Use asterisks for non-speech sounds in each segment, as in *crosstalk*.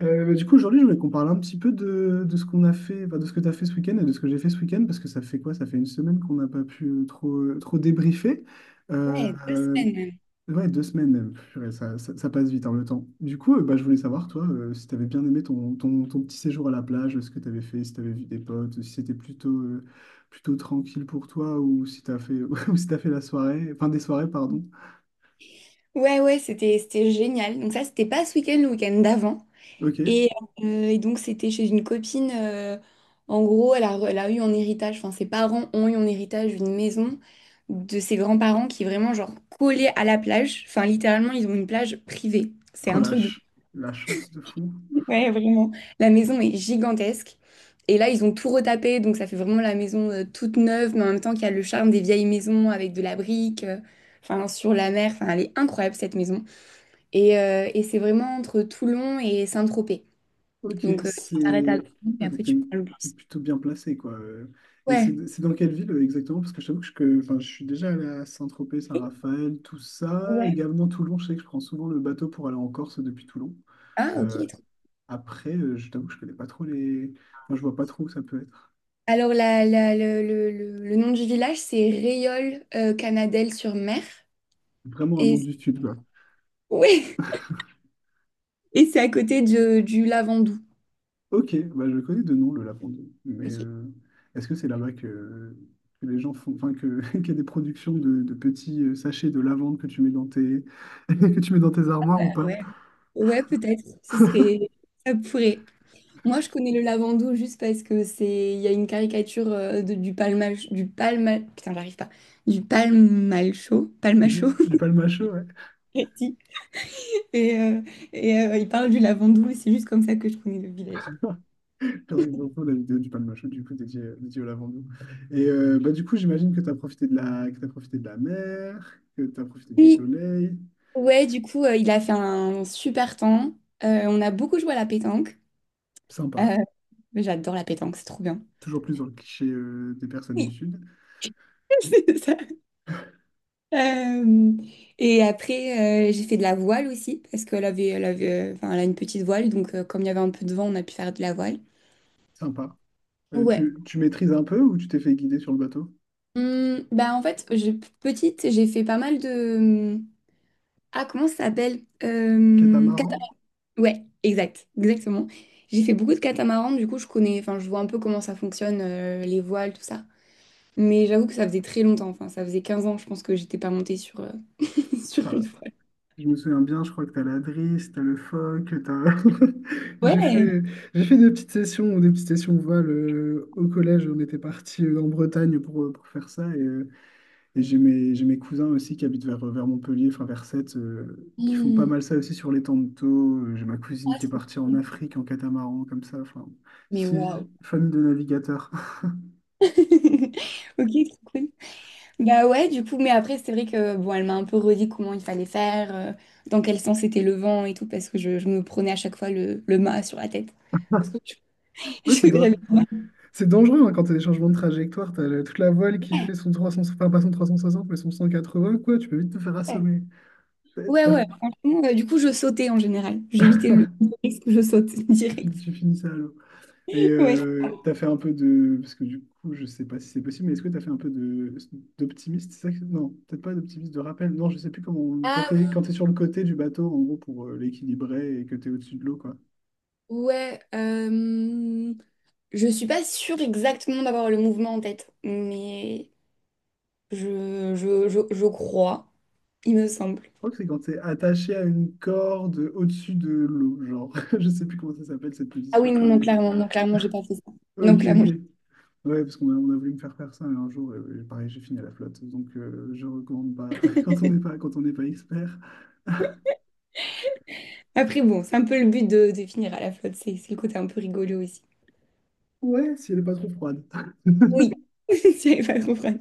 Bah, du coup, aujourd'hui, je voulais qu'on parle un petit peu de ce qu'on a fait, enfin, de ce que tu as fait ce week-end et de ce que j'ai fait ce week-end, parce que ça fait quoi? Ça fait une semaine qu'on n'a pas pu trop débriefer. Euh, Ouais, deux euh, semaines même. ouais, 2 semaines même. Purée, ça passe vite, hein, le temps. Du coup, bah, je voulais savoir, toi, si tu avais bien aimé ton petit séjour à la plage, ce que tu avais fait, si tu avais vu des potes, si c'était plutôt tranquille pour toi ou si tu as fait, *laughs* ou si tu fait la soirée, enfin des soirées, pardon. Ouais, ouais, c'était génial. Donc ça, c'était pas ce week-end, le week-end d'avant. Ok, Et, et donc, c'était chez une copine. En gros, elle a eu en héritage, enfin, ses parents ont eu en héritage une maison de ses grands-parents qui est vraiment, genre, collée à la plage. Enfin, littéralement, ils ont une plage privée. C'est un truc de... relâche. La chance de fou. Ouais, vraiment. La maison est gigantesque. Et là, ils ont tout retapé, donc ça fait vraiment la maison toute neuve, mais en même temps qu'il y a le charme des vieilles maisons avec de la brique, enfin sur la mer. Enfin, elle est incroyable cette maison. Et c'est vraiment entre Toulon et Saint-Tropez. Ok, Donc tu t'arrêtes à c'est... Toulon Ah, et donc, après tu prends le t'es bus. plutôt bien placé, quoi. Et Ouais. c'est dans quelle ville, exactement? Parce que je t'avoue que, enfin, je suis déjà allé à Saint-Tropez, Saint-Raphaël, tout ça. Ouais. Également Toulon, je sais que je prends souvent le bateau pour aller en Corse depuis Toulon. Ah, ok. Euh, Après, je t'avoue que je connais pas trop les... Enfin, je vois pas trop où ça peut être. Alors le nom du village, c'est Réole Canadelle-sur-Mer. Vraiment un nom Et du sud. ouais. Et c'est à côté du Lavandou. Ok, bah je connais de nom le Lapon d'Eux, mais Ok. Est-ce que c'est là-bas que les gens font, enfin que *laughs* qu'il y a des productions de petits sachets de lavande que tu mets dans tes *laughs* que tu mets dans tes armoires ou pas? Ouais, peut-être. Ça pourrait. Moi, je connais le Lavandou juste parce que c'est, il y a une caricature du palma, putain, j'arrive pas, du palmalcho, palmacho. Du *laughs* palmachot, ouais. Et, euh, il parle du Lavandou. Et c'est juste comme ça que je connais le village. Faudrait que je retrouve la vidéo du palmachot, du coup dédié au lavande. Et bah, du coup, j'imagine que tu as profité de la que t'as profité de la mer, que tu as profité du Oui. soleil. Ouais, du coup, il a fait un super temps. On a beaucoup joué à la pétanque. Euh, Sympa. J'adore la pétanque, c'est trop bien. Toujours plus dans le cliché, des personnes du Oui. sud. *laughs* ça Euh, et après, j'ai fait de la voile aussi, parce elle avait, enfin, elle a une petite voile, donc comme il y avait un peu de vent, on a pu faire de la voile. Sympa. Ouais. Tu maîtrises un peu ou tu t'es fait guider sur le bateau? Bah en fait, petite, j'ai fait pas mal de... hum, Ah, comment ça s'appelle? Cata- Catamaran? Ouais, exactement. J'ai fait beaucoup de catamarans, du coup, je connais, enfin, je vois un peu comment ça fonctionne, les voiles, tout ça. Mais j'avoue que ça faisait très longtemps, enfin, ça faisait 15 ans, je pense que j'étais pas montée sur, *laughs* sur une voile. Je me souviens bien, je crois que t'as la drisse, t'as le phoque, t'as... *laughs* J'ai Ouais. fait, j'ai fait des petites sessions voile, au collège. On était parti en Bretagne pour faire ça. Et j'ai mes cousins aussi qui habitent vers Montpellier, enfin vers Sète, qui font pas Hum. mal ça aussi sur les temps de taux. J'ai ma cousine Ah, qui est trop partie en cool. Afrique en catamaran, comme ça. Enfin, Mais c'est waouh. famille de navigateurs. *laughs* *laughs* Ok, trop cool. Bah ouais, du coup, mais après, c'est vrai que bon, elle m'a un peu redit comment il fallait faire, dans quel sens était le vent et tout, parce que je me prenais à chaque fois le mât sur la tête. Parce que je- *laughs* Oui, j'avais. C'est dangereux, hein, quand tu as des changements de trajectoire. Tu as toute la voile qui fait son 300, enfin pas son 360 mais son 180, quoi. Tu peux vite te faire Ouais, assommer. T'as- ouais, t'as- ouais, franchement, du coup, je sautais en général. J'évitais le risque, je saute *laughs* Tu, fin- direct. tu finis ça à l'eau. Et Ouais. T'as fait un peu de. Parce que du coup, je sais pas si c'est possible, mais est-ce que t'as fait un peu de d'optimiste? Non, peut-être pas d'optimiste, de rappel. Non, je sais plus comment. Quand Ah quand t'es sur le côté du bateau, en gros, pour l'équilibrer et que t'es au-dessus de l'eau, quoi. ouais, je suis pas sûre exactement d'avoir le mouvement en tête, mais je crois. Il me semble. Je crois que c'est quand t'es attaché à une corde au-dessus de l'eau, genre. *laughs* Je sais plus comment ça s'appelle cette Ah position, oui, non, non, mais. clairement, non, clairement, j'ai pas fait ça. Non, Ok, clairement. Ok. Ouais, parce on a voulu me faire faire ça et un jour, pareil, j'ai fini à la flotte. Donc, je recommande pas *laughs* quand on n'est pas expert. Après, bon, c'est un peu le but de finir à la flotte, c'est le côté un peu rigolo aussi. Ouais, si elle est pas trop froide. Oui, *laughs* j'avais pas compris.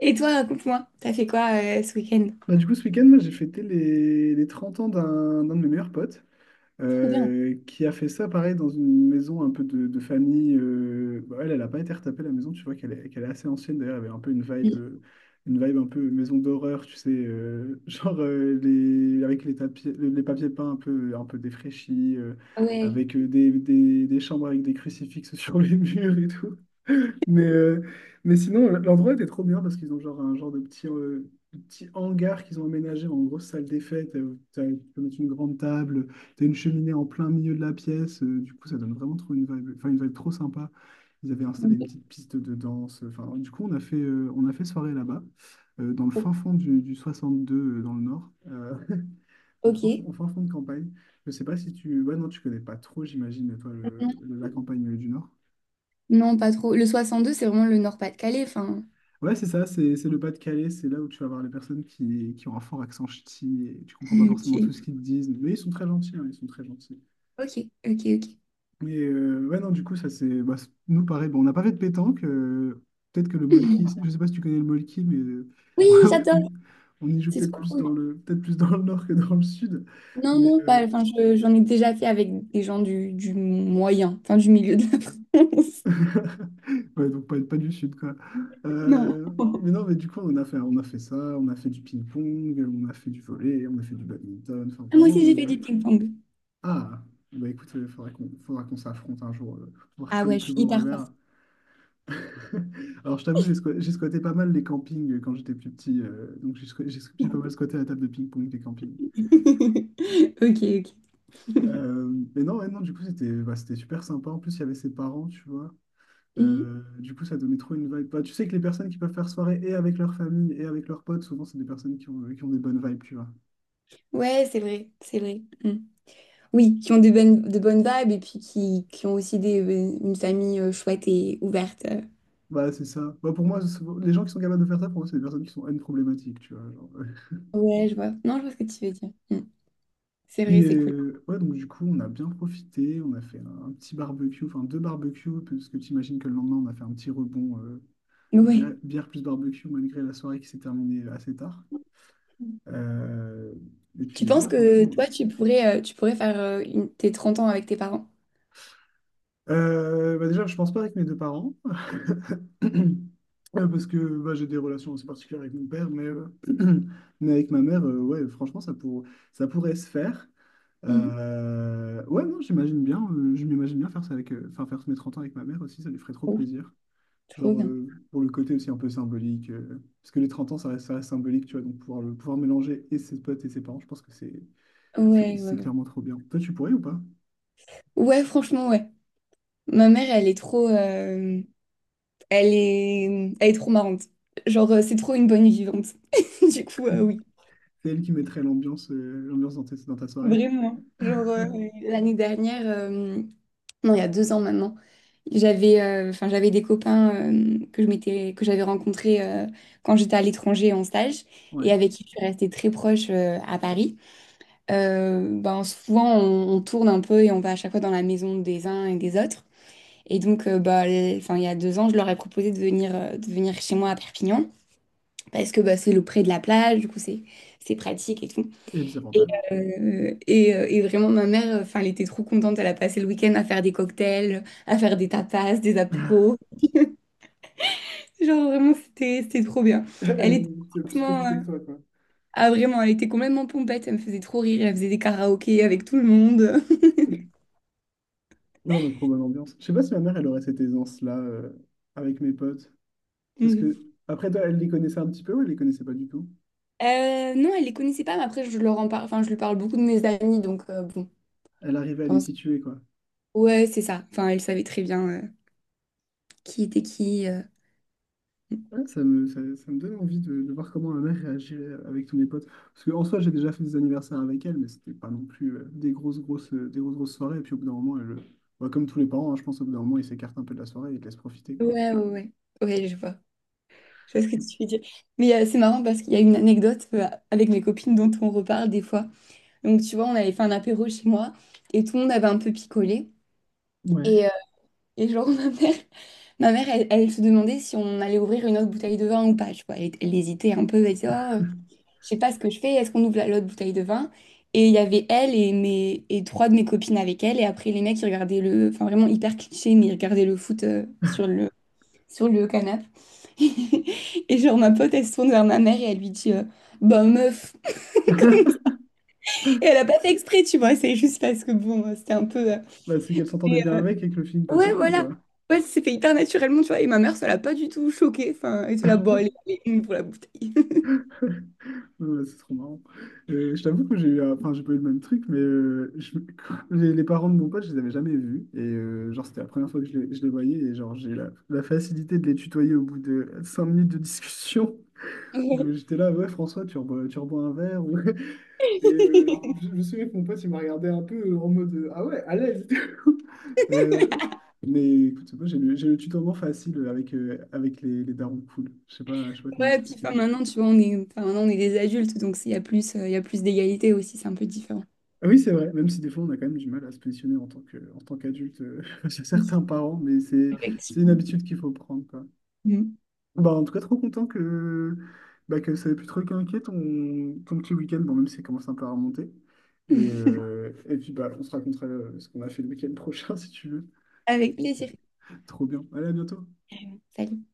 Et toi, raconte-moi, t'as fait quoi ce week-end? Bah, du coup, ce week-end, moi, j'ai fêté les 30 ans d'un de mes meilleurs potes, Trop bien. Qui a fait ça, pareil, dans une maison un peu de famille. Bah, elle, elle a pas été retapée, la maison. Tu vois qu'elle est assez ancienne. D'ailleurs, elle avait un peu une vibe un peu maison d'horreur, tu sais, *laughs* genre, avec tapis, les papiers peints un peu défraîchis, Ah ouais. avec des chambres avec des crucifixes *laughs* sur les murs et tout. Mais, euh, mais sinon, l'endroit était trop bien parce qu'ils ont genre un genre de de petit hangar qu'ils ont aménagé en grosse salle des fêtes. Tu peux mettre une grande table, tu as une cheminée en plein milieu de la pièce. Du coup, ça donne vraiment trop une vibe, enfin, une vibe trop sympa. Ils avaient installé une petite piste de danse. Enfin, du coup, on a fait soirée là-bas, dans le fin fond du 62, dans le nord, *laughs* Ok. en fin fond de campagne. Je sais pas si tu... Ouais, non, tu connais pas trop, j'imagine, toi, Non, la campagne, du nord. non, pas trop. Le 62, c'est vraiment le Nord-Pas-de-Calais, enfin. Ouais, c'est ça, c'est le Pas-de-Calais, c'est là où tu vas voir les personnes qui ont un fort accent ch'ti et tu comprends pas Ok, forcément tout ce qu'ils te disent, mais ils sont très gentils, hein, ils sont très gentils. ok, ok. Ok. Et ouais, non, du coup, ça c'est. Nous, pareil, bon, on n'a pas fait de pétanque, peut-être que le molki, je sais pas si tu connais le molki, mais Oui, *laughs* j'adore. on, on y joue C'est peut-être trop plus cool. Peut-être plus dans le nord que dans le sud, Non, mais non, pas. Enfin, j'en ai déjà fait avec des gens du moyen, enfin du milieu de la France. *laughs* ouais, donc pas du sud, quoi. *laughs* Mais Non. non, mais du coup, on a fait ça, on a fait du ping-pong, on a fait du volley, on a fait du badminton, enfin Ah, moi vraiment. aussi, j'ai fait du ping-pong. Ah, bah écoute, il faudra qu'on s'affronte un jour, pour voir Ah qui a le ouais, je plus suis beau hyper revers. forte. *laughs* Alors, je t'avoue, j'ai squatté pas mal les campings, quand j'étais plus petit, donc j'ai pas mal squatté la table de ping-pong des campings. *laughs* Ok, ok. *laughs* Euh, mais non, ouais, non, du coup, c'était bah, c'était super sympa. En plus, il y avait ses parents, tu vois. Mm. Du coup, ça donnait trop une vibe. Bah, tu sais que les personnes qui peuvent faire soirée et avec leur famille et avec leurs potes, souvent, c'est des personnes qui ont des bonnes vibes, tu vois. Ouais, c'est vrai, c'est vrai. Mm. Oui, qui ont de bonnes vibes et puis qui ont aussi des, une famille chouette et ouverte. Bah, c'est ça. Bah, pour moi, les gens qui sont capables de faire ça, pour moi, c'est des personnes qui sont N problématiques, tu vois. Genre. Ouais, je vois. Non, je vois ce que tu veux dire. Mm. C'est vrai, Et c'est cool. Ouais, donc du coup, on a bien profité, on a fait un petit barbecue, enfin deux barbecues, parce que tu imagines que le lendemain, on a fait un petit rebond, Ouais. Bière plus barbecue, malgré la soirée qui s'est terminée, assez tard. Euh, et Tu puis, penses non, que franchement. toi, tu pourrais faire tes 30 ans avec tes parents? Bah déjà, je pense pas avec mes deux parents. *clears throat* Ouais, parce que bah, j'ai des relations assez particulières avec mon père, *clears throat* mais avec ma mère, ouais, franchement, ça pourrait se faire. Mhm. Ouais, non, j'imagine bien, je m'imagine bien faire ça enfin, faire mes 30 ans avec ma mère aussi, ça lui ferait trop Oh, plaisir. trop Genre, bien. Pour le côté aussi un peu symbolique, parce que les 30 ans, ça reste symbolique, tu vois, donc pouvoir mélanger et ses potes et ses parents, je pense que Ouais, ouais, c'est ouais. clairement trop bien. Toi, tu pourrais ou pas? Ouais, franchement, ouais. Ma mère, elle est trop... Elle est, elle est trop marrante. Genre, c'est trop une bonne vivante. *laughs* Du coup, oui, C'est elle qui mettrait l'ambiance dans ta soirée. vraiment. Genre, l'année dernière, non, il y a 2 ans maintenant, j'avais enfin, j'avais des copains que que j'avais rencontrés quand j'étais à l'étranger en stage Ouais, et avec qui je suis restée très proche à Paris. Ben, souvent, on tourne un peu et on va à chaque fois dans la maison des uns et des autres. Et donc, bah, enfin, il y a 2 ans, je leur ai proposé de venir chez moi à Perpignan. Parce que bah, c'est le près de la plage, du coup c'est pratique et tout. et des Et, avantages. Et vraiment ma mère, enfin, elle était trop contente, elle a passé le week-end à faire des cocktails, à faire des tapas, des *laughs* apéros. Genre vraiment c'était trop bien. *laughs* Elle était Elle a plus complètement, profiter que toi, quoi. ah vraiment, elle était complètement pompette, elle me faisait trop rire, elle faisait des karaokés avec tout le monde. *laughs* Non, mais trop bonne ambiance. Je sais pas si ma mère, elle aurait cette aisance-là, avec mes potes. Parce que, Mhm. après, toi, elle les connaissait un petit peu ou elle les connaissait pas du tout? Non, elle les connaissait pas, mais après je leur en parle, enfin je lui parle beaucoup de mes amis, donc bon, Elle arrivait je à les pense. situer, quoi. Ouais, c'est ça. Enfin, elle savait très bien qui était qui. Ouais, Ouais, ça me donne envie de voir comment ma mère réagirait avec tous mes potes. Parce qu'en soi, j'ai déjà fait des anniversaires avec elle, mais c'était pas non plus, des grosses, grosses soirées. Et puis au bout d'un moment, bah, comme tous les parents, hein, je pense, au bout d'un moment, ils s'écartent un peu de la soirée et ils te laissent profiter, quoi. ouais, ouais. Ouais, je vois. Je vois ce que tu veux dire. Mais c'est marrant parce qu'il y a une anecdote avec mes copines dont on reparle des fois. Donc, tu vois, on avait fait un apéro chez moi et tout le monde avait un peu picolé. Ouais. Et, euh, et genre, *laughs* ma mère, elle se demandait si on allait ouvrir une autre bouteille de vin ou pas. Tu vois, elle hésitait un peu, elle disait, oh, je sais pas ce que je fais, est-ce qu'on ouvre l'autre bouteille de vin? Et il y avait elle et 3 de mes copines avec elle. Et après, les mecs, ils regardaient le... Enfin, vraiment hyper cliché, mais ils regardaient le foot *laughs* sur le canapé. *laughs* Et genre, ma pote, elle se tourne vers ma mère et elle lui dit, bah meuf. Et elle a pas fait exprès, tu vois, c'est juste parce que, bon, c'était un peu... Bah, c'est qu'elle s'entendait bien avec et que le film passait Ouais, bien, voilà. quoi. Ouais, c'est fait hyper naturellement, tu vois. Et ma mère, ça l'a pas du tout choquée. Enfin, elle était là, bon, allez, allez, une pour la bouteille. *laughs* Ouais, c'est trop marrant. Je t'avoue que enfin, j'ai pas eu le même truc, mais *laughs* les parents de mon pote, je les avais jamais vus. Et genre, c'était la première fois que je les voyais. Et genre, j'ai eu la facilité de les tutoyer au bout de 5 minutes de discussion. Ouais. *laughs* J'étais là, ouais, François, tu rebois un verre. *laughs* Et je me souviens que mon pote, il m'a regardé un peu, en mode, ah ouais, à l'aise. *laughs* Euh, mais écoute, moi, j'ai le tutoiement facile avec les darons cool. Je sais pas comment Ouais, puis enfin, expliquer. maintenant, tu vois, on est, enfin, maintenant, on est des adultes, donc il y a plus, il y a plus d'égalité aussi, c'est un peu différent. Ah oui, c'est vrai, même si des fois on a quand même du mal à se positionner en tant qu'adulte, *laughs* chez certains Oui, parents, mais c'est une effectivement. habitude qu'il faut prendre, quoi. Mhm. Bah, en tout cas, trop content que ça ait pu te requinquer ton petit week-end, bon, même si ça commence un peu à remonter. Et puis, bah, on se racontera, ce qu'on a fait le week-end prochain, *laughs* si tu veux. Avec plaisir. Trop bien. Allez, à bientôt. Salut.